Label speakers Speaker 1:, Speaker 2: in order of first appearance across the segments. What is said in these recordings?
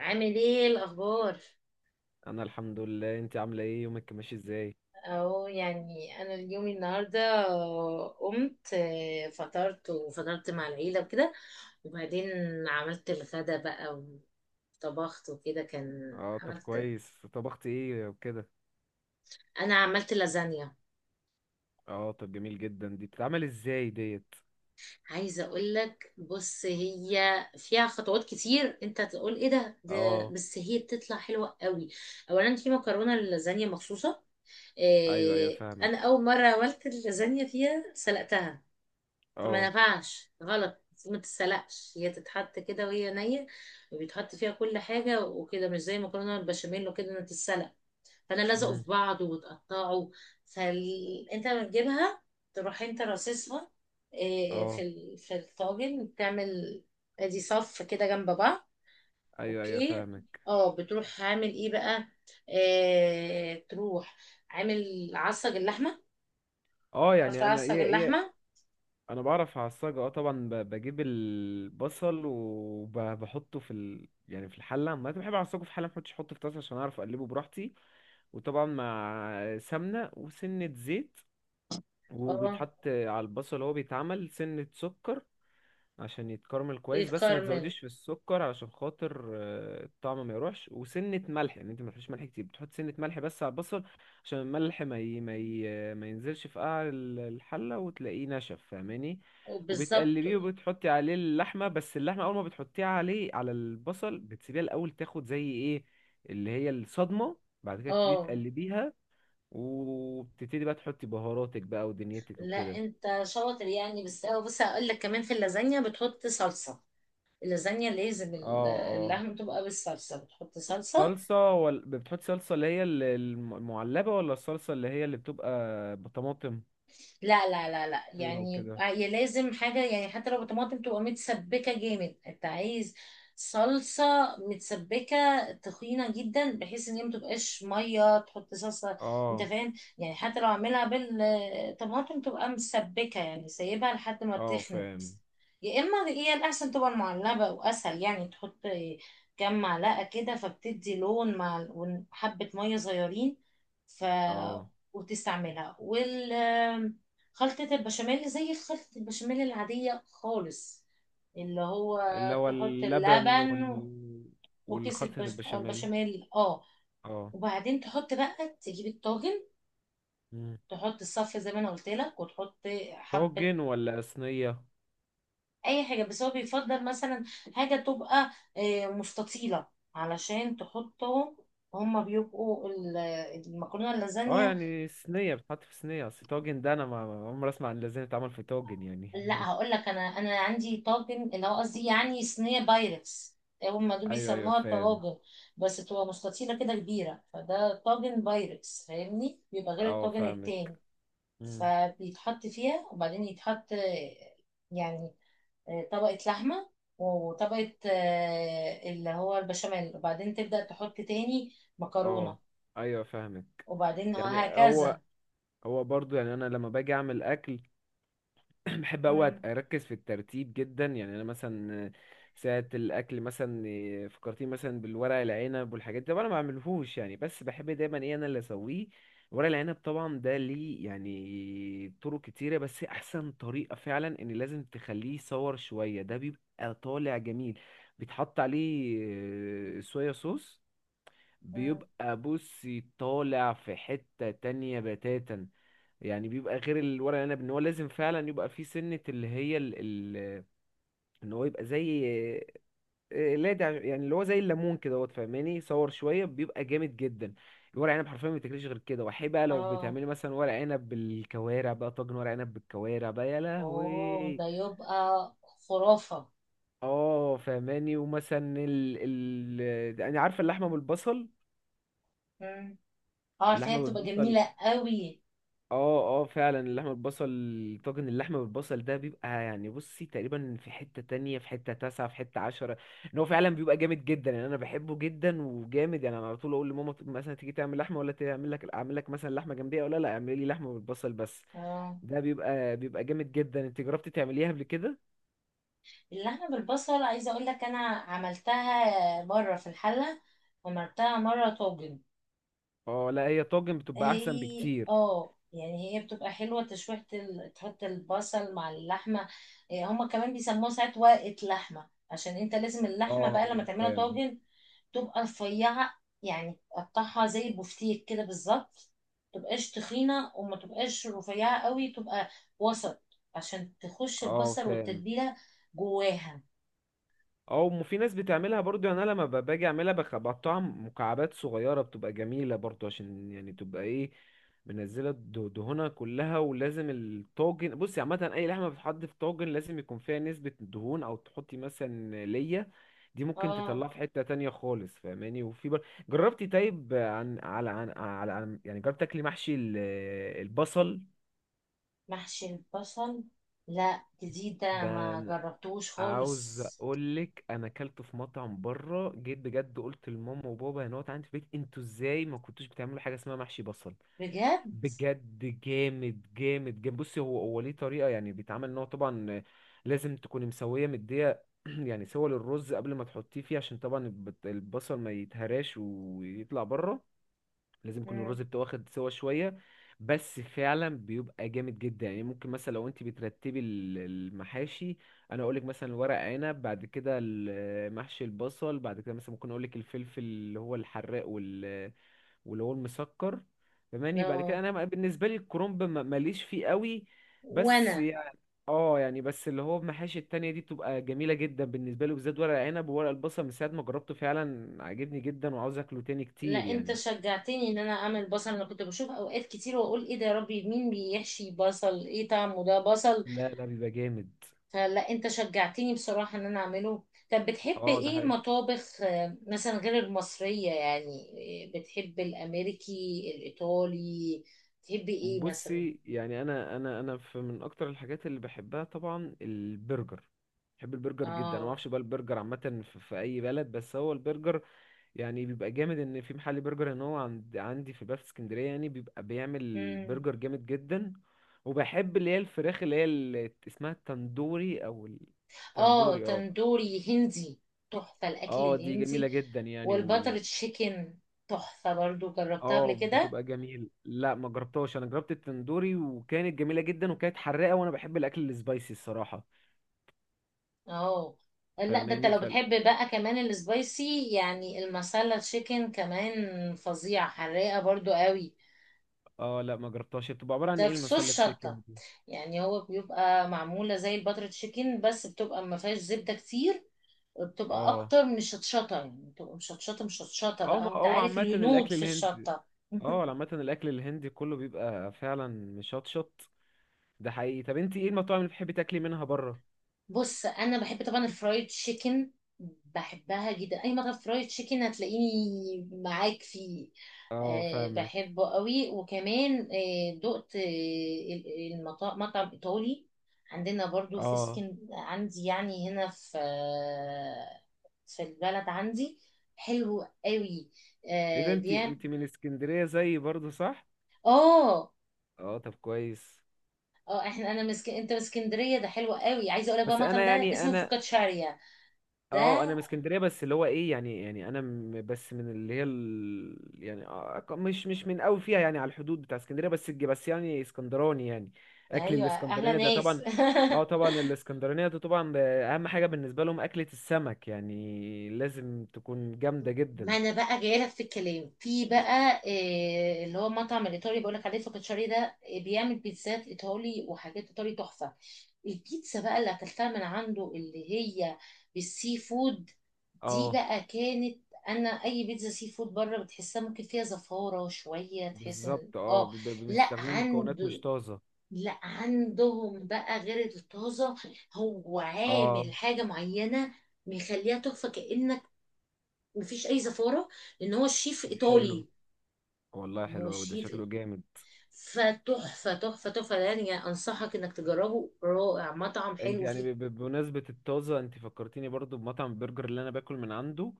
Speaker 1: عامل ايه الاخبار؟
Speaker 2: انا الحمد لله. انت عامله ايه؟ يومك ماشي ازاي؟
Speaker 1: اهو يعني انا اليوم النهارده قمت، فطرت وفطرت مع العيله وكده، وبعدين عملت الغدا بقى وطبخت وكده كان.
Speaker 2: اه، طب
Speaker 1: عملت
Speaker 2: كويس. طبخت ايه وكده؟
Speaker 1: عملت لازانيا.
Speaker 2: اه، طب جميل جدا. دي بتتعمل ازاي ديت؟
Speaker 1: عايزه اقول لك، بص هي فيها خطوات كتير، انت تقول ايه ده،
Speaker 2: اه.
Speaker 1: بس هي بتطلع حلوه قوي. اولا في مكرونه للازانيا مخصوصه.
Speaker 2: ايوه ايوه،
Speaker 1: انا
Speaker 2: فاهمك.
Speaker 1: اول مره عملت اللازانيا فيها سلقتها، فما
Speaker 2: اه.
Speaker 1: ينفعش غلط. المفروض ما تتسلقش، هي تتحط كده وهي نية، وبيتحط فيها كل حاجة وكده، مش زي المكرونة البشاميل وكده انها تتسلق، فانا لازقوا في
Speaker 2: امم.
Speaker 1: بعض وتقطعوا. فانت لما تجيبها تروح انت راصصها،
Speaker 2: اه.
Speaker 1: في الطاجن، تعمل ادي صف كده جنب بعض.
Speaker 2: ايوه ايوه،
Speaker 1: اوكي.
Speaker 2: فاهمك.
Speaker 1: اه بتروح عامل ايه بقى؟ تروح عامل عصج اللحمه،
Speaker 2: اه
Speaker 1: تعرف
Speaker 2: يعني انا
Speaker 1: تعصج
Speaker 2: ايه؟
Speaker 1: اللحمه؟
Speaker 2: انا بعرف اعصجها. اه، طبعا بجيب البصل وبحطه يعني في الحله. ما أنا بحب اعصجه في حله، ما بحطش، احطه في طاسه عشان اعرف اقلبه براحتي. وطبعا مع سمنه وسنه زيت،
Speaker 1: اه،
Speaker 2: وبيتحط على البصل. هو بيتعمل سنة سكر عشان يتكرمل كويس، بس ما
Speaker 1: يتكرمل،
Speaker 2: تزوديش في السكر علشان خاطر الطعم ما يروحش. وسنة ملح، يعني انت ما تحطش ملح كتير، بتحط سنة ملح بس على البصل عشان الملح ما ينزلش في قاع الحلة وتلاقيه نشف، فاهماني؟
Speaker 1: بالظبط،
Speaker 2: وبتقلبيه وبتحطي عليه اللحمة. بس اللحمة أول ما بتحطيها عليه على البصل بتسيبيها الأول تاخد زي إيه، اللي هي الصدمة. بعد كده بتبتدي
Speaker 1: اه.
Speaker 2: تقلبيها، وبتبتدي بقى تحطي بهاراتك بقى ودنيتك
Speaker 1: لا
Speaker 2: وكده.
Speaker 1: انت شاطر يعني، بس اه بص هقول لك، كمان في اللازانيا بتحط صلصه. اللازانيا لازم
Speaker 2: اه، اه.
Speaker 1: اللحمه تبقى بالصلصه، بتحط صلصه.
Speaker 2: صلصة ولا بتحط صلصة اللي هي المعلبة، ولا الصلصة اللي هي اللي بتبقى بطماطم،
Speaker 1: لا لا لا لا،
Speaker 2: صورة
Speaker 1: يعني
Speaker 2: وكده؟
Speaker 1: هي لازم حاجة، يعني حتى لو طماطم تبقى متسبكة جامد، انت عايز صلصة متسبكة تخينة جدا، بحيث ان هي متبقاش مية. تحط صلصة، انت
Speaker 2: اه،
Speaker 1: فاهم؟ يعني حتى لو عاملها بالطماطم تبقى مسبكة، يعني سايبها لحد ما
Speaker 2: اه،
Speaker 1: تخنت.
Speaker 2: فاهم.
Speaker 1: يا اما هي الاحسن تبقى المعلبة واسهل، يعني تحط كام معلقة كده فبتدي لون، مع وحبة مية صغيرين. ف،
Speaker 2: اه،
Speaker 1: وتستعملها. وال، خلطة البشاميل زي خلطة البشاميل العادية خالص، اللي هو
Speaker 2: اللي هو
Speaker 1: تحط
Speaker 2: اللبن
Speaker 1: اللبن وكيس
Speaker 2: والخلطة البشاميل.
Speaker 1: البشاميل، اه.
Speaker 2: اه.
Speaker 1: وبعدين تحط بقى، تجيب الطاجن،
Speaker 2: مم.
Speaker 1: تحط الصف زي ما انا قلت لك، وتحط حبة.
Speaker 2: طاجن ولا صينية؟
Speaker 1: اي حاجة، بس هو بيفضل مثلا حاجة تبقى مستطيلة، علشان تحطهم، هما المكرونة
Speaker 2: اه،
Speaker 1: اللازانيا.
Speaker 2: يعني صينية. بتحط في صينية، اصل طاجن ده انا ما عمري اسمع ان لازم يتعمل في طاجن يعني
Speaker 1: لا هقول لك، انا عندي طاجن، اللي هو قصدي يعني صينيه بايركس، هم دول
Speaker 2: ايوه ايوه،
Speaker 1: بيسموها
Speaker 2: فاهم.
Speaker 1: طواجن، بس تبقى مستطيله كده كبيره، فده طاجن بايركس فاهمني، بيبقى غير
Speaker 2: اه،
Speaker 1: الطاجن
Speaker 2: فاهمك.
Speaker 1: التاني.
Speaker 2: مم.
Speaker 1: فبيتحط فيها وبعدين يتحط يعني طبقه لحمه، وطبقه اللي هو البشاميل، وبعدين تبدا تحط تاني
Speaker 2: اه،
Speaker 1: مكرونه،
Speaker 2: ايوه، فاهمك.
Speaker 1: وبعدين
Speaker 2: يعني هو
Speaker 1: وهكذا.
Speaker 2: هو برضو، يعني انا لما باجي اعمل اكل بحب اوي
Speaker 1: مم.
Speaker 2: اركز في الترتيب جدا. يعني انا مثلا ساعة الاكل، مثلا إيه، فكرتني مثلا بالورق العنب والحاجات دي. طبعا أنا ما بعملهوش يعني، بس بحب دايما ايه انا اللي اسويه. ورق العنب طبعا ده ليه يعني طرق كتيرة، بس احسن طريقة فعلا ان لازم تخليه يصور شوية. ده بيبقى طالع جميل، بيتحط عليه صويا صوص.
Speaker 1: مم.
Speaker 2: بيبقى بصي طالع في حتة تانية بتاتا. يعني بيبقى غير الورق العنب ان هو لازم فعلا يبقى فيه سنة اللي هي ال... ان هو يبقى زي إيه، لا ده يعني اللي هو زي الليمون كده، هو فاهماني؟ صور شوية بيبقى جامد جدا. الورق عنب حرفيا ما بتاكلش غير كده. وحي بقى لو
Speaker 1: اه،
Speaker 2: بتعملي مثلا ورق عنب بالكوارع بقى، طاجن ورق عنب بالكوارع بقى، يا
Speaker 1: اوه
Speaker 2: لهوي.
Speaker 1: ده يبقى خرافه.
Speaker 2: اه، فاهماني؟ ومثلا انا عارفة اللحمة بالبصل.
Speaker 1: اه عارفاها،
Speaker 2: اللحمة
Speaker 1: بتبقى
Speaker 2: بالبصل.
Speaker 1: جميلة قوي.
Speaker 2: اه، اه فعلا، اللحمة بالبصل. طاجن اللحمة بالبصل ده بيبقى، يعني بصي، تقريبا في حتة تانية، في حتة تاسعة، في حتة عشرة. ان هو فعلا بيبقى جامد جدا، يعني انا بحبه جدا وجامد. يعني انا على طول اقول لماما، مثلا تيجي تعمل لحمة، ولا تعمل لك، اعمل لك مثلا لحمة جنبية ولا لا، اعملي لي لحمة بالبصل بس.
Speaker 1: اه،
Speaker 2: ده بيبقى جامد جدا. انت جربتي تعمليها قبل كده؟
Speaker 1: اللحمة بالبصل عايزة اقول لك، انا عملتها بره في الحلة، وعملتها مرة طاجن.
Speaker 2: اه، لا، هي طاجن بتبقى احسن
Speaker 1: هي
Speaker 2: بكتير.
Speaker 1: اه يعني هي بتبقى حلوة، تشويحة ال... تحط البصل مع اللحمة. هما كمان بيسموها ساعات ورقة لحمة، عشان انت لازم اللحمة
Speaker 2: اه،
Speaker 1: بقى لما تعملها
Speaker 2: فاهم.
Speaker 1: طاجن تبقى رفيعة، يعني تقطعها زي البفتيك كده بالظبط، متبقاش تخينة، وما تبقاش رفيعة قوي، تبقى وسط، عشان تخش
Speaker 2: اه،
Speaker 1: البصل
Speaker 2: فاهم.
Speaker 1: والتتبيلة جواها.
Speaker 2: او في ناس بتعملها برضو. يعني انا لما باجي اعملها بقطعها مكعبات صغيره، بتبقى جميله برضو، عشان يعني تبقى ايه، منزله دهونها كلها. ولازم الطاجن، بصي، عامه اي لحمه بتتحط في طاجن لازم يكون فيها نسبه دهون، او تحطي مثلا ليا دي، ممكن
Speaker 1: اه
Speaker 2: تطلعها في حته تانية خالص، فاهماني؟ جربتي طيب، يعني جربت تاكلي محشي البصل
Speaker 1: محشي البصل؟ لا جديدة،
Speaker 2: ده؟
Speaker 1: ما جربتوش خالص.
Speaker 2: عاوز اقول لك، انا اكلته في مطعم بره، جيت بجد قلت لماما وبابا هنا عندي في البيت: انتوا ازاي ما كنتوش بتعملوا حاجه اسمها محشي بصل؟
Speaker 1: بجد؟
Speaker 2: بجد جامد جامد جامد. بصي، هو ليه طريقه يعني بيتعمل، ان هو طبعا لازم تكوني مسويه مديه يعني سوى للرز قبل ما تحطيه فيه، عشان طبعا البصل ما يتهراش ويطلع بره. لازم يكون الرز بتاعه واخد سوا شويه. بس فعلا بيبقى جامد جدا. يعني ممكن مثلا لو انت بترتبي المحاشي، انا اقولك مثلا ورق عنب، بعد كده محشي البصل، بعد كده مثلا ممكن اقولك الفلفل اللي هو الحراق واللي هو المسكر. فماني بعد كده
Speaker 1: اه
Speaker 2: انا بالنسبه لي الكرنب ماليش فيه قوي. بس
Speaker 1: وانا.
Speaker 2: يعني، اه يعني بس اللي هو المحاشي التانية دي بتبقى جميلة جدا بالنسبة لي بالذات، ورق عنب وورق البصل من ساعة ما جربته فعلا عجبني جدا وعاوز اكله تاني
Speaker 1: لا
Speaker 2: كتير
Speaker 1: انت
Speaker 2: يعني.
Speaker 1: شجعتني ان انا اعمل بصل، انا كنت بشوف اوقات كتير واقول ايه ده يا ربي، مين بيحشي بصل، ايه طعمه ده بصل؟
Speaker 2: لا لا، بيبقى جامد.
Speaker 1: فلا انت شجعتني بصراحة ان انا اعمله. طب بتحب
Speaker 2: اه، ده
Speaker 1: ايه
Speaker 2: حقيقي.
Speaker 1: مطابخ، مثلا غير المصرية يعني؟ بتحب الامريكي، الايطالي، بتحب ايه مثلا؟
Speaker 2: بصي، يعني انا في من اكتر الحاجات اللي بحبها طبعا البرجر. بحب البرجر جدا. انا ما
Speaker 1: اه،
Speaker 2: اعرفش بقى البرجر عامه في اي بلد، بس هو البرجر يعني بيبقى جامد. ان في محل برجر ان هو عندي في البلد في اسكندريه، يعني بيبقى بيعمل
Speaker 1: امم،
Speaker 2: برجر جامد جدا. وبحب اللي هي الفراخ اللي هي اللي اسمها التندوري، او
Speaker 1: اه
Speaker 2: التندوري، اه.
Speaker 1: تندوري هندي، تحفة الاكل
Speaker 2: اه، دي جميله
Speaker 1: الهندي.
Speaker 2: جدا يعني.
Speaker 1: والبتر تشيكن تحفة برضو، جربتها قبل
Speaker 2: اه،
Speaker 1: كده.
Speaker 2: بتبقى جميل. لا ما جربتهاش. انا جربت التندوري وكانت جميله جدا وكانت حراقه، وانا بحب الاكل السبايسي الصراحه،
Speaker 1: اه لا ده انت
Speaker 2: فاهماني؟
Speaker 1: لو بتحب بقى كمان السبايسي، يعني المسالة تشيكن كمان فظيعة، حراقة برضو قوي.
Speaker 2: اه لا ما جربتهاش. بتبقى عباره عن
Speaker 1: ده
Speaker 2: ايه
Speaker 1: في صوص
Speaker 2: المسله
Speaker 1: شطة،
Speaker 2: تشيكن دي؟
Speaker 1: يعني هو بيبقى معمولة زي الباتر تشيكن، بس بتبقى ما فيهاش زبدة كتير، وبتبقى
Speaker 2: اه،
Speaker 1: اكتر من الشطشطة، يعني بتبقى مشطشطة مشطشطة
Speaker 2: اه، ما
Speaker 1: بقى، وانت
Speaker 2: هو
Speaker 1: عارف
Speaker 2: عامه
Speaker 1: الهنود
Speaker 2: الاكل
Speaker 1: في
Speaker 2: الهندي،
Speaker 1: الشطة.
Speaker 2: اه. عامه الاكل الهندي كله بيبقى فعلا مشطشط، ده حقيقي. طب انت ايه المطاعم اللي بتحبي تاكلي منها بره؟
Speaker 1: بص انا بحب طبعا الفرايد تشيكن، بحبها جدا، اي مطعم فرايد تشيكن هتلاقيني معاك فيه.
Speaker 2: اه،
Speaker 1: أه
Speaker 2: فاهمك.
Speaker 1: بحبه قوي. وكمان أه دقت المطعم، مطعم ايطالي عندنا برضو في
Speaker 2: اه،
Speaker 1: سكن عندي، يعني هنا في في البلد عندي، حلو قوي،
Speaker 2: ايه ده؟
Speaker 1: أه
Speaker 2: انت
Speaker 1: بيعمل
Speaker 2: انت من اسكندريه زيي برضو، صح؟
Speaker 1: اه
Speaker 2: اه، طب كويس.
Speaker 1: اه احنا انت من اسكندريه؟ ده حلو قوي. عايزه اقول لك بقى،
Speaker 2: بس انا
Speaker 1: المطعم ده
Speaker 2: يعني
Speaker 1: اسمه
Speaker 2: انا،
Speaker 1: فوكاتشاريا ده.
Speaker 2: اه انا من اسكندريه، بس اللي هو ايه يعني انا بس من اللي هي يعني مش من قوي فيها، يعني على الحدود بتاع اسكندريه، بس بس يعني اسكندراني يعني، اكل
Speaker 1: ايوه احلى
Speaker 2: الاسكندراني ده
Speaker 1: ناس.
Speaker 2: طبعا. اه، طبعا الاسكندرانيه ده طبعا اهم حاجه بالنسبه لهم اكله السمك، يعني لازم تكون جامده
Speaker 1: ما
Speaker 2: جدا.
Speaker 1: انا بقى جايه لك في الكلام في بقى، اللي هو مطعم الايطالي بقول لك عليه فوكاتشاري ده، بيعمل بيتزات ايطالي وحاجات ايطالي تحفه. البيتزا بقى اللي اكلتها من عنده، اللي هي بالسي فود، دي
Speaker 2: اه
Speaker 1: بقى كانت، انا اي بيتزا سي فود بره بتحسها ممكن فيها زفاره شويه، تحس ان
Speaker 2: بالظبط، اه
Speaker 1: اه. لا
Speaker 2: بيستخدموا مكونات مش
Speaker 1: عنده،
Speaker 2: طازه.
Speaker 1: لا عندهم بقى غير الطازة. هو
Speaker 2: اه،
Speaker 1: عامل حاجة معينة مخليها تحفة، كأنك مفيش أي زفارة، لأن هو الشيف
Speaker 2: طب حلو.
Speaker 1: إيطالي.
Speaker 2: والله
Speaker 1: هو
Speaker 2: حلو أوي، ده
Speaker 1: الشيف إيط-
Speaker 2: شكله جامد.
Speaker 1: فتحفة تحفة تحفة، يعني أنصحك إنك تجربه، رائع مطعم
Speaker 2: انت
Speaker 1: حلو
Speaker 2: يعني،
Speaker 1: فيه.
Speaker 2: بمناسبة الطازة، انت فكرتيني برضو بمطعم البرجر اللي انا باكل من عنده.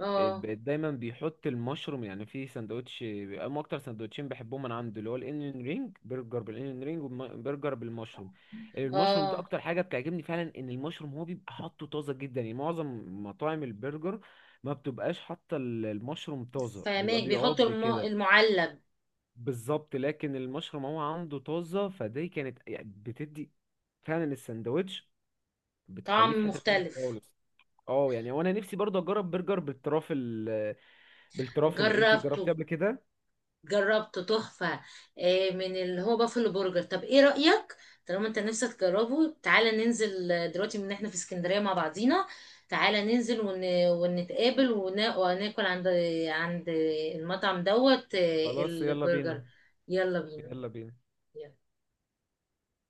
Speaker 1: آه،
Speaker 2: دايما بيحط المشروم يعني في سندوتش. هم اكتر سندوتشين بحبهم من عنده اللي هو الانيون رينج، برجر بالانيون رينج وبرجر بالمشروم. المشروم ده
Speaker 1: آه،
Speaker 2: اكتر حاجة بتعجبني، فعلا ان المشروم هو بيبقى حاطه طازة جدا. يعني معظم مطاعم البرجر ما بتبقاش حاطة المشروم طازة، بيبقى
Speaker 1: فهماك بيحط
Speaker 2: بيعض كده.
Speaker 1: المعلب.
Speaker 2: بالظبط، لكن المشروم هو عنده طازة، فدي كانت يعني بتدي فعلا السندوتش، بتخليه في
Speaker 1: طعم
Speaker 2: حتة تانية
Speaker 1: مختلف.
Speaker 2: خالص. اه يعني وانا نفسي برضه اجرب برجر بالترافل. بالترافل انت
Speaker 1: جربته،
Speaker 2: جربتيه قبل كده؟
Speaker 1: جربته تحفة، من اللي هو بافلو برجر. طب ايه رأيك، طالما انت نفسك تجربه، تعالى ننزل، دلوقتي من احنا في اسكندرية مع بعضينا، تعالى ننزل ونتقابل وناكل عند، عند المطعم دوت،
Speaker 2: خلاص، يلا
Speaker 1: البرجر.
Speaker 2: بينا.
Speaker 1: يلا بينا.
Speaker 2: يلا بينا.